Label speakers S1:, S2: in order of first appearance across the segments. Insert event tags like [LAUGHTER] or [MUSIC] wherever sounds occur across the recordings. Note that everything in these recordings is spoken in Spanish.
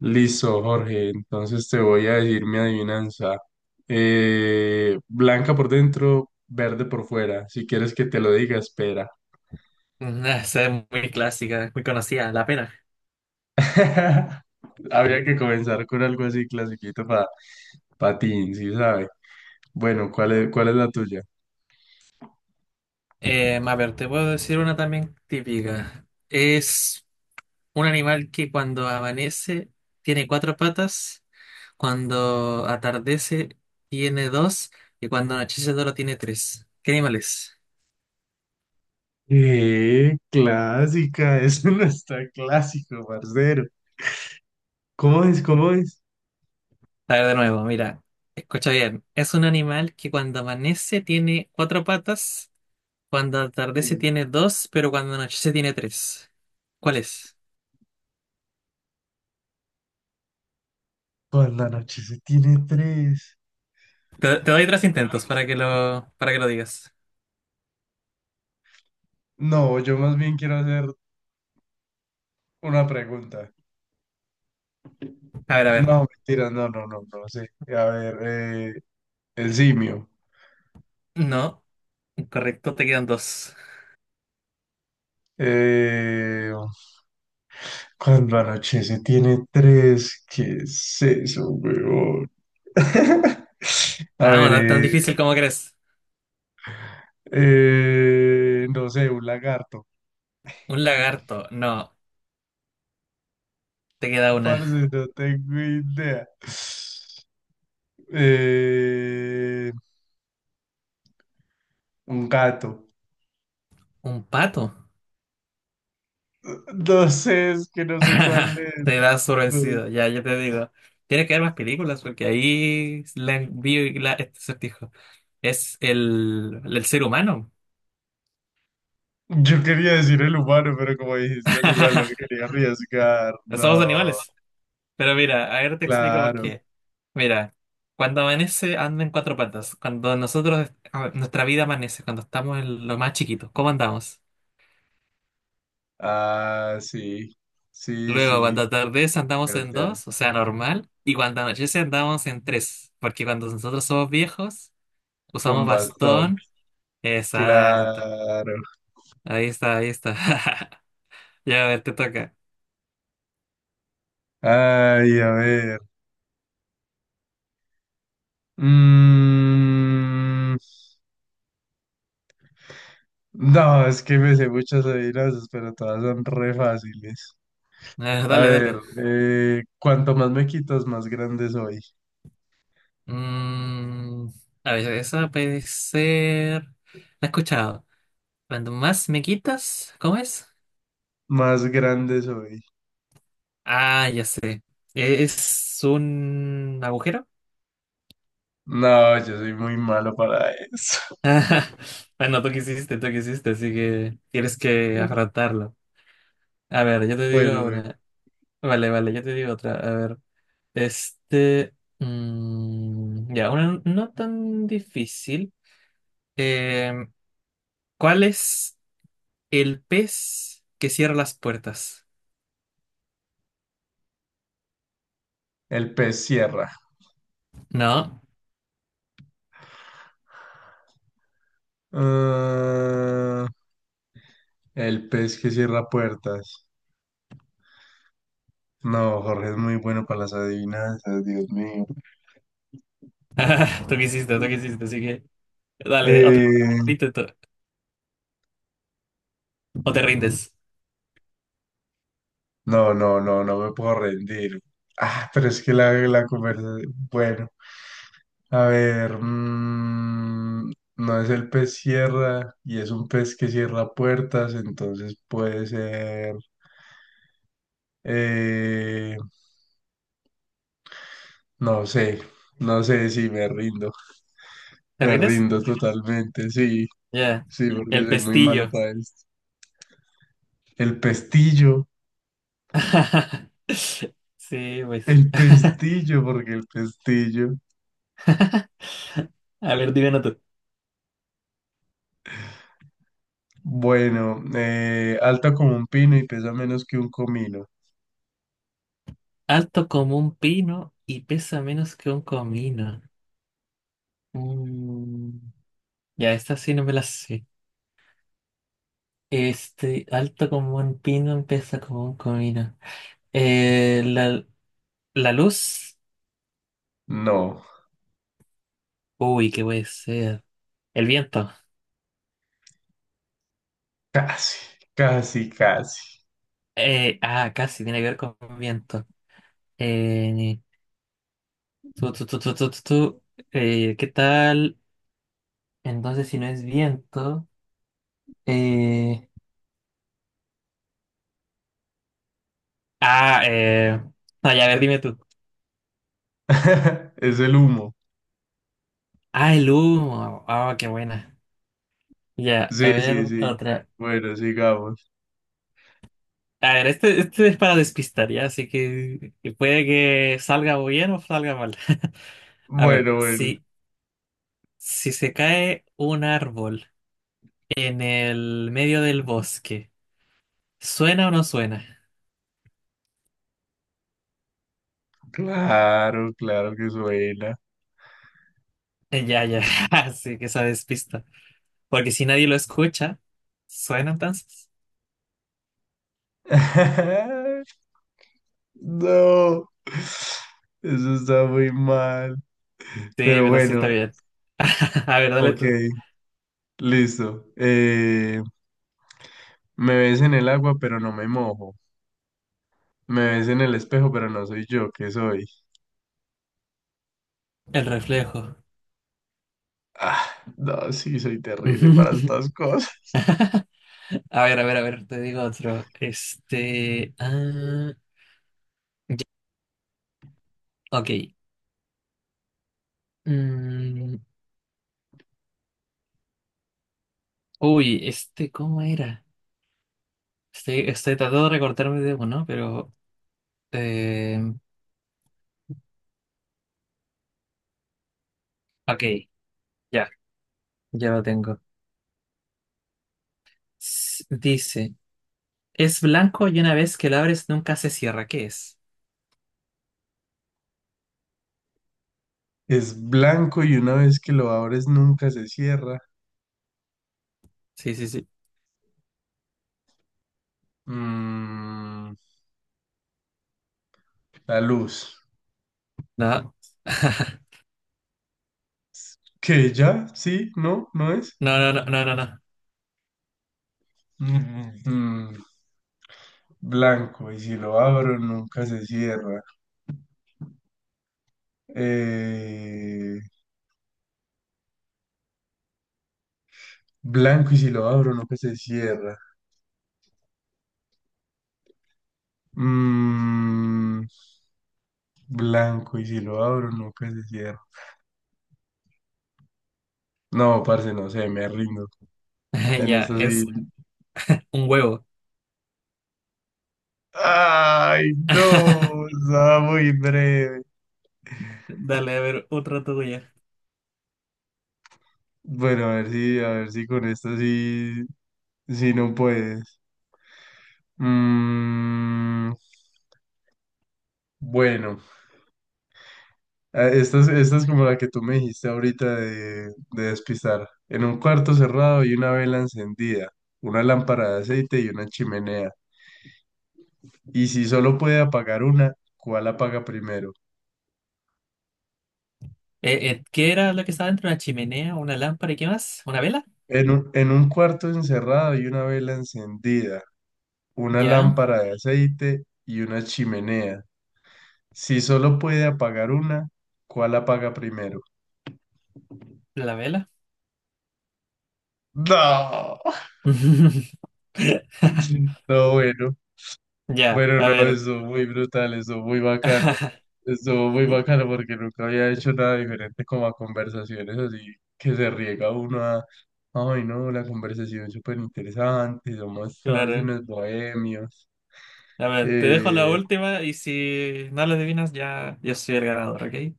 S1: Listo, Jorge. Entonces te voy a decir mi adivinanza. Blanca por dentro, verde por fuera. Si quieres que te lo diga, espera.
S2: Ah, esa es muy clásica, muy conocida, la pena.
S1: [LAUGHS] Habría que comenzar con algo así clasiquito para patín, ¿sí sabe? Bueno, ¿cuál es la tuya?
S2: A ver, te puedo decir una también típica. Es un animal que cuando amanece tiene cuatro patas, cuando atardece tiene dos y cuando anochece solo tiene tres. ¿Qué animal es?
S1: Clásica, [LAUGHS] eso no está clásico, parcero. ¿Cómo es? ¿Cómo es?
S2: A ver, de nuevo, mira, escucha bien. Es un animal que cuando amanece tiene cuatro patas, cuando atardece
S1: Eh,
S2: tiene dos, pero cuando anochece tiene tres. ¿Cuál es?
S1: Cuando la noche se tiene tres.
S2: Te doy tres intentos para que lo digas.
S1: No, yo más bien quiero hacer una pregunta.
S2: A ver, a ver.
S1: No, mentira, no, no, no, no, sí. A ver, el simio.
S2: No, correcto, te quedan dos.
S1: Eh, Cuando anochece tiene tres, ¿qué es eso, weón? [LAUGHS] A
S2: Ah,
S1: ver,
S2: bueno, no es tan difícil como crees.
S1: no sé, un lagarto.
S2: Un lagarto, no, te queda una.
S1: Parce, no tengo idea. Eh, un gato.
S2: Un pato.
S1: No sé, es que no sé cuál
S2: [LAUGHS]
S1: es.
S2: Te das por
S1: No,
S2: vencido, ya, yo te digo. Tiene que haber más películas porque ahí la vi este acertijo. Es el ser humano.
S1: yo quería decir el humano, pero como dijiste animal, no me
S2: [LAUGHS]
S1: quería arriesgar.
S2: Somos
S1: No,
S2: animales. Pero mira, a ver te explico por
S1: claro.
S2: qué. Mira, cuando amanece anda en cuatro patas. Cuando nosotros, a ver, nuestra vida amanece, cuando estamos en lo más chiquito, ¿cómo andamos?
S1: Ah, sí. Sí,
S2: Luego, cuando
S1: sí.
S2: atardece andamos en
S1: Gatear
S2: dos, o sea, normal. Y cuando anochece andamos en tres, porque cuando nosotros somos viejos,
S1: con
S2: usamos
S1: bastón.
S2: bastón. Exacto.
S1: Claro.
S2: Ahí está, ahí está. [LAUGHS] Ya, a ver, te toca. [LAUGHS]
S1: Ay, a ver. Mm, no, es que me sé muchas adivinanzas, pero todas son re fáciles.
S2: Ah,
S1: A
S2: dale,
S1: ver,
S2: dale.
S1: cuanto más me quitas, más grande soy.
S2: Mm, a ver, esa puede ser... La he escuchado. Cuando más me quitas, ¿cómo es?
S1: Más grande soy.
S2: Ah, ya sé. Es un agujero.
S1: No, yo soy muy malo para eso.
S2: Ah, no, tú quisiste, así que tienes que
S1: [LAUGHS]
S2: afrontarlo. A ver, yo te digo
S1: Bueno, bueno,
S2: una. Vale, vale, yo te digo otra. A ver, este. mm, ya, una no tan difícil. Eh, ¿cuál es el pez que cierra las puertas?
S1: el pez cierra.
S2: No.
S1: Ah, el pez que cierra puertas. No, Jorge es muy bueno para las adivinanzas, Dios mío.
S2: [LAUGHS] Tú quisiste, así que. Dale, otro
S1: Eh,
S2: intento. ¿O te rindes?
S1: no, no, no, no me puedo rendir. Ah, pero es que la conversación. Bueno, a ver. Mm, no es el pez cierra y es un pez que cierra puertas, entonces puede ser. eh, no sé, no sé si me rindo.
S2: ¿Te
S1: Me
S2: rindes?
S1: rindo totalmente, sí,
S2: Ya.
S1: sí, porque
S2: El
S1: soy muy malo
S2: pestillo.
S1: para esto. El pestillo,
S2: [LAUGHS] Sí, pues.
S1: el
S2: [LAUGHS]
S1: pestillo, porque el pestillo.
S2: A ver, dime uno tú.
S1: Bueno, alta como un pino y pesa menos que un comino.
S2: Alto como un pino y pesa menos que un comino. Mm, ya, esta sí no me la sé. Este, alto como un pino, pesa como un comino. Eh, la, la luz.
S1: No,
S2: Uy, qué puede ser. El viento.
S1: casi, casi, casi.
S2: Casi tiene que ver con viento. Eh, tú. ¿qué tal? Entonces, si no es viento. eh, Ah, eh. No, ya, a ver, dime tú.
S1: [LAUGHS] Es el humo.
S2: Ah, el humo. Ah, qué buena. Ya, a
S1: Sí,
S2: ver,
S1: sí, sí.
S2: otra.
S1: Bueno, sigamos.
S2: A ver, este es para despistar, ya, así que puede que salga bien o salga mal. [LAUGHS] A ver,
S1: Bueno, bueno.
S2: si se cae un árbol en el medio del bosque, ¿suena o no suena?
S1: Claro, claro que suena.
S2: Eh, Ya, ya, [LAUGHS] así que esa despista. Porque si nadie lo escucha, ¿suena entonces?
S1: [LAUGHS] No, eso está muy mal.
S2: Sí,
S1: Pero
S2: pero sí
S1: bueno,
S2: está bien. [LAUGHS] A ver, dale
S1: ok,
S2: tú.
S1: listo. Me ves en el agua, pero no me mojo. Me ves en el espejo, pero no soy yo, ¿qué soy?
S2: El reflejo.
S1: Ah, no, sí, soy terrible para estas
S2: [LAUGHS]
S1: cosas. [LAUGHS]
S2: A ver, a ver, a ver, te digo otro. Este. Ah, ya, ok. Mm, uy, este, ¿cómo era? Estoy tratando de recortarme de uno, ¿no? pero. eh, ok, ya, ya lo tengo. Dice: es blanco y una vez que lo abres nunca se cierra. ¿Qué es?
S1: Es blanco y una vez que lo abres nunca se cierra.
S2: Sí, sí, sí.
S1: Mm, la luz.
S2: No. [LAUGHS]
S1: ¿Qué ya? ¿Sí? ¿No? ¿No es?
S2: No, no, no, no, no, no.
S1: Mm, mm, blanco y si lo abro nunca se cierra. Eh, Blanco y si lo abro nunca se cierra. Mm, blanco, y si lo abro, nunca se cierra. No, parce, no sé, me rindo.
S2: [LAUGHS]
S1: En
S2: Ya,
S1: eso sí.
S2: es un huevo.
S1: Ay,
S2: [LAUGHS]
S1: no, estaba muy breve.
S2: Dale, a ver, otra tuya.
S1: Bueno, a ver si con esto sí, sí no puedes. Mm, bueno, esta es como la que tú me dijiste ahorita de despistar. En un cuarto cerrado y una vela encendida, una lámpara de aceite y una chimenea. Y si solo puede apagar una, ¿cuál apaga primero?
S2: ¿qué era lo que estaba dentro? ¿Una chimenea? ¿Una lámpara? ¿Y qué más? ¿Una vela?
S1: En un cuarto encerrado hay una vela encendida, una
S2: Ya,
S1: lámpara de aceite y una chimenea. Si solo puede apagar una, ¿cuál apaga primero?
S2: la vela.
S1: No,
S2: [LAUGHS]
S1: [LAUGHS] no, bueno.
S2: Ya,
S1: Bueno,
S2: a
S1: no,
S2: ver.
S1: estuvo muy brutal, estuvo muy bacano. Estuvo muy
S2: [LAUGHS]
S1: bacano porque nunca había hecho nada diferente como a conversaciones así que se riega uno a, ay no, la conversación es súper interesante, somos todos
S2: Claro.
S1: unos bohemios.
S2: A ver, te dejo la
S1: Eh,
S2: última y si no lo adivinas, ya yo soy el ganador, ¿ok?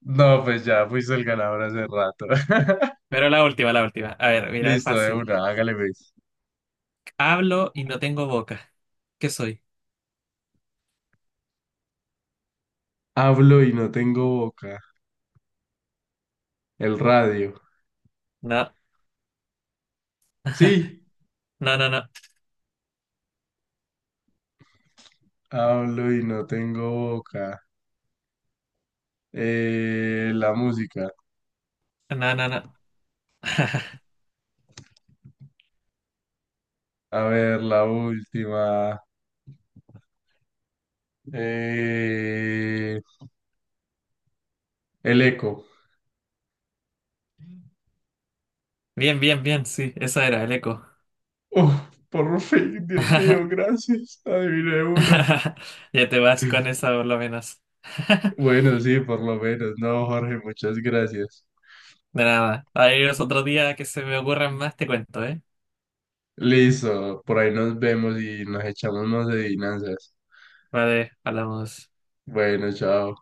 S1: no, pues ya fuiste el ganador hace rato. [LAUGHS]
S2: Pero la última, la última. A ver, mira, es
S1: Listo, de
S2: fácil.
S1: una, hágale pues.
S2: Hablo y no tengo boca. ¿Qué soy?
S1: Hablo y no tengo boca. El radio.
S2: No,
S1: Sí,
S2: no, no, no.
S1: hablo y no tengo boca. La música.
S2: No, no, no.
S1: A ver, la última. Eh, el eco.
S2: Bien, bien, bien. Sí, esa era el eco.
S1: Uf, por fin, Dios mío,
S2: [LAUGHS]
S1: gracias. Adiviné una.
S2: Ya te vas con esa por lo menos. [LAUGHS]
S1: Bueno, sí, por lo menos. No, Jorge, muchas gracias.
S2: De nada. Ahí es otro día que se me ocurran más, te cuento, ¿eh?
S1: Listo, por ahí nos vemos y nos echamos más adivinanzas.
S2: Vale, hablamos.
S1: Bueno, chao.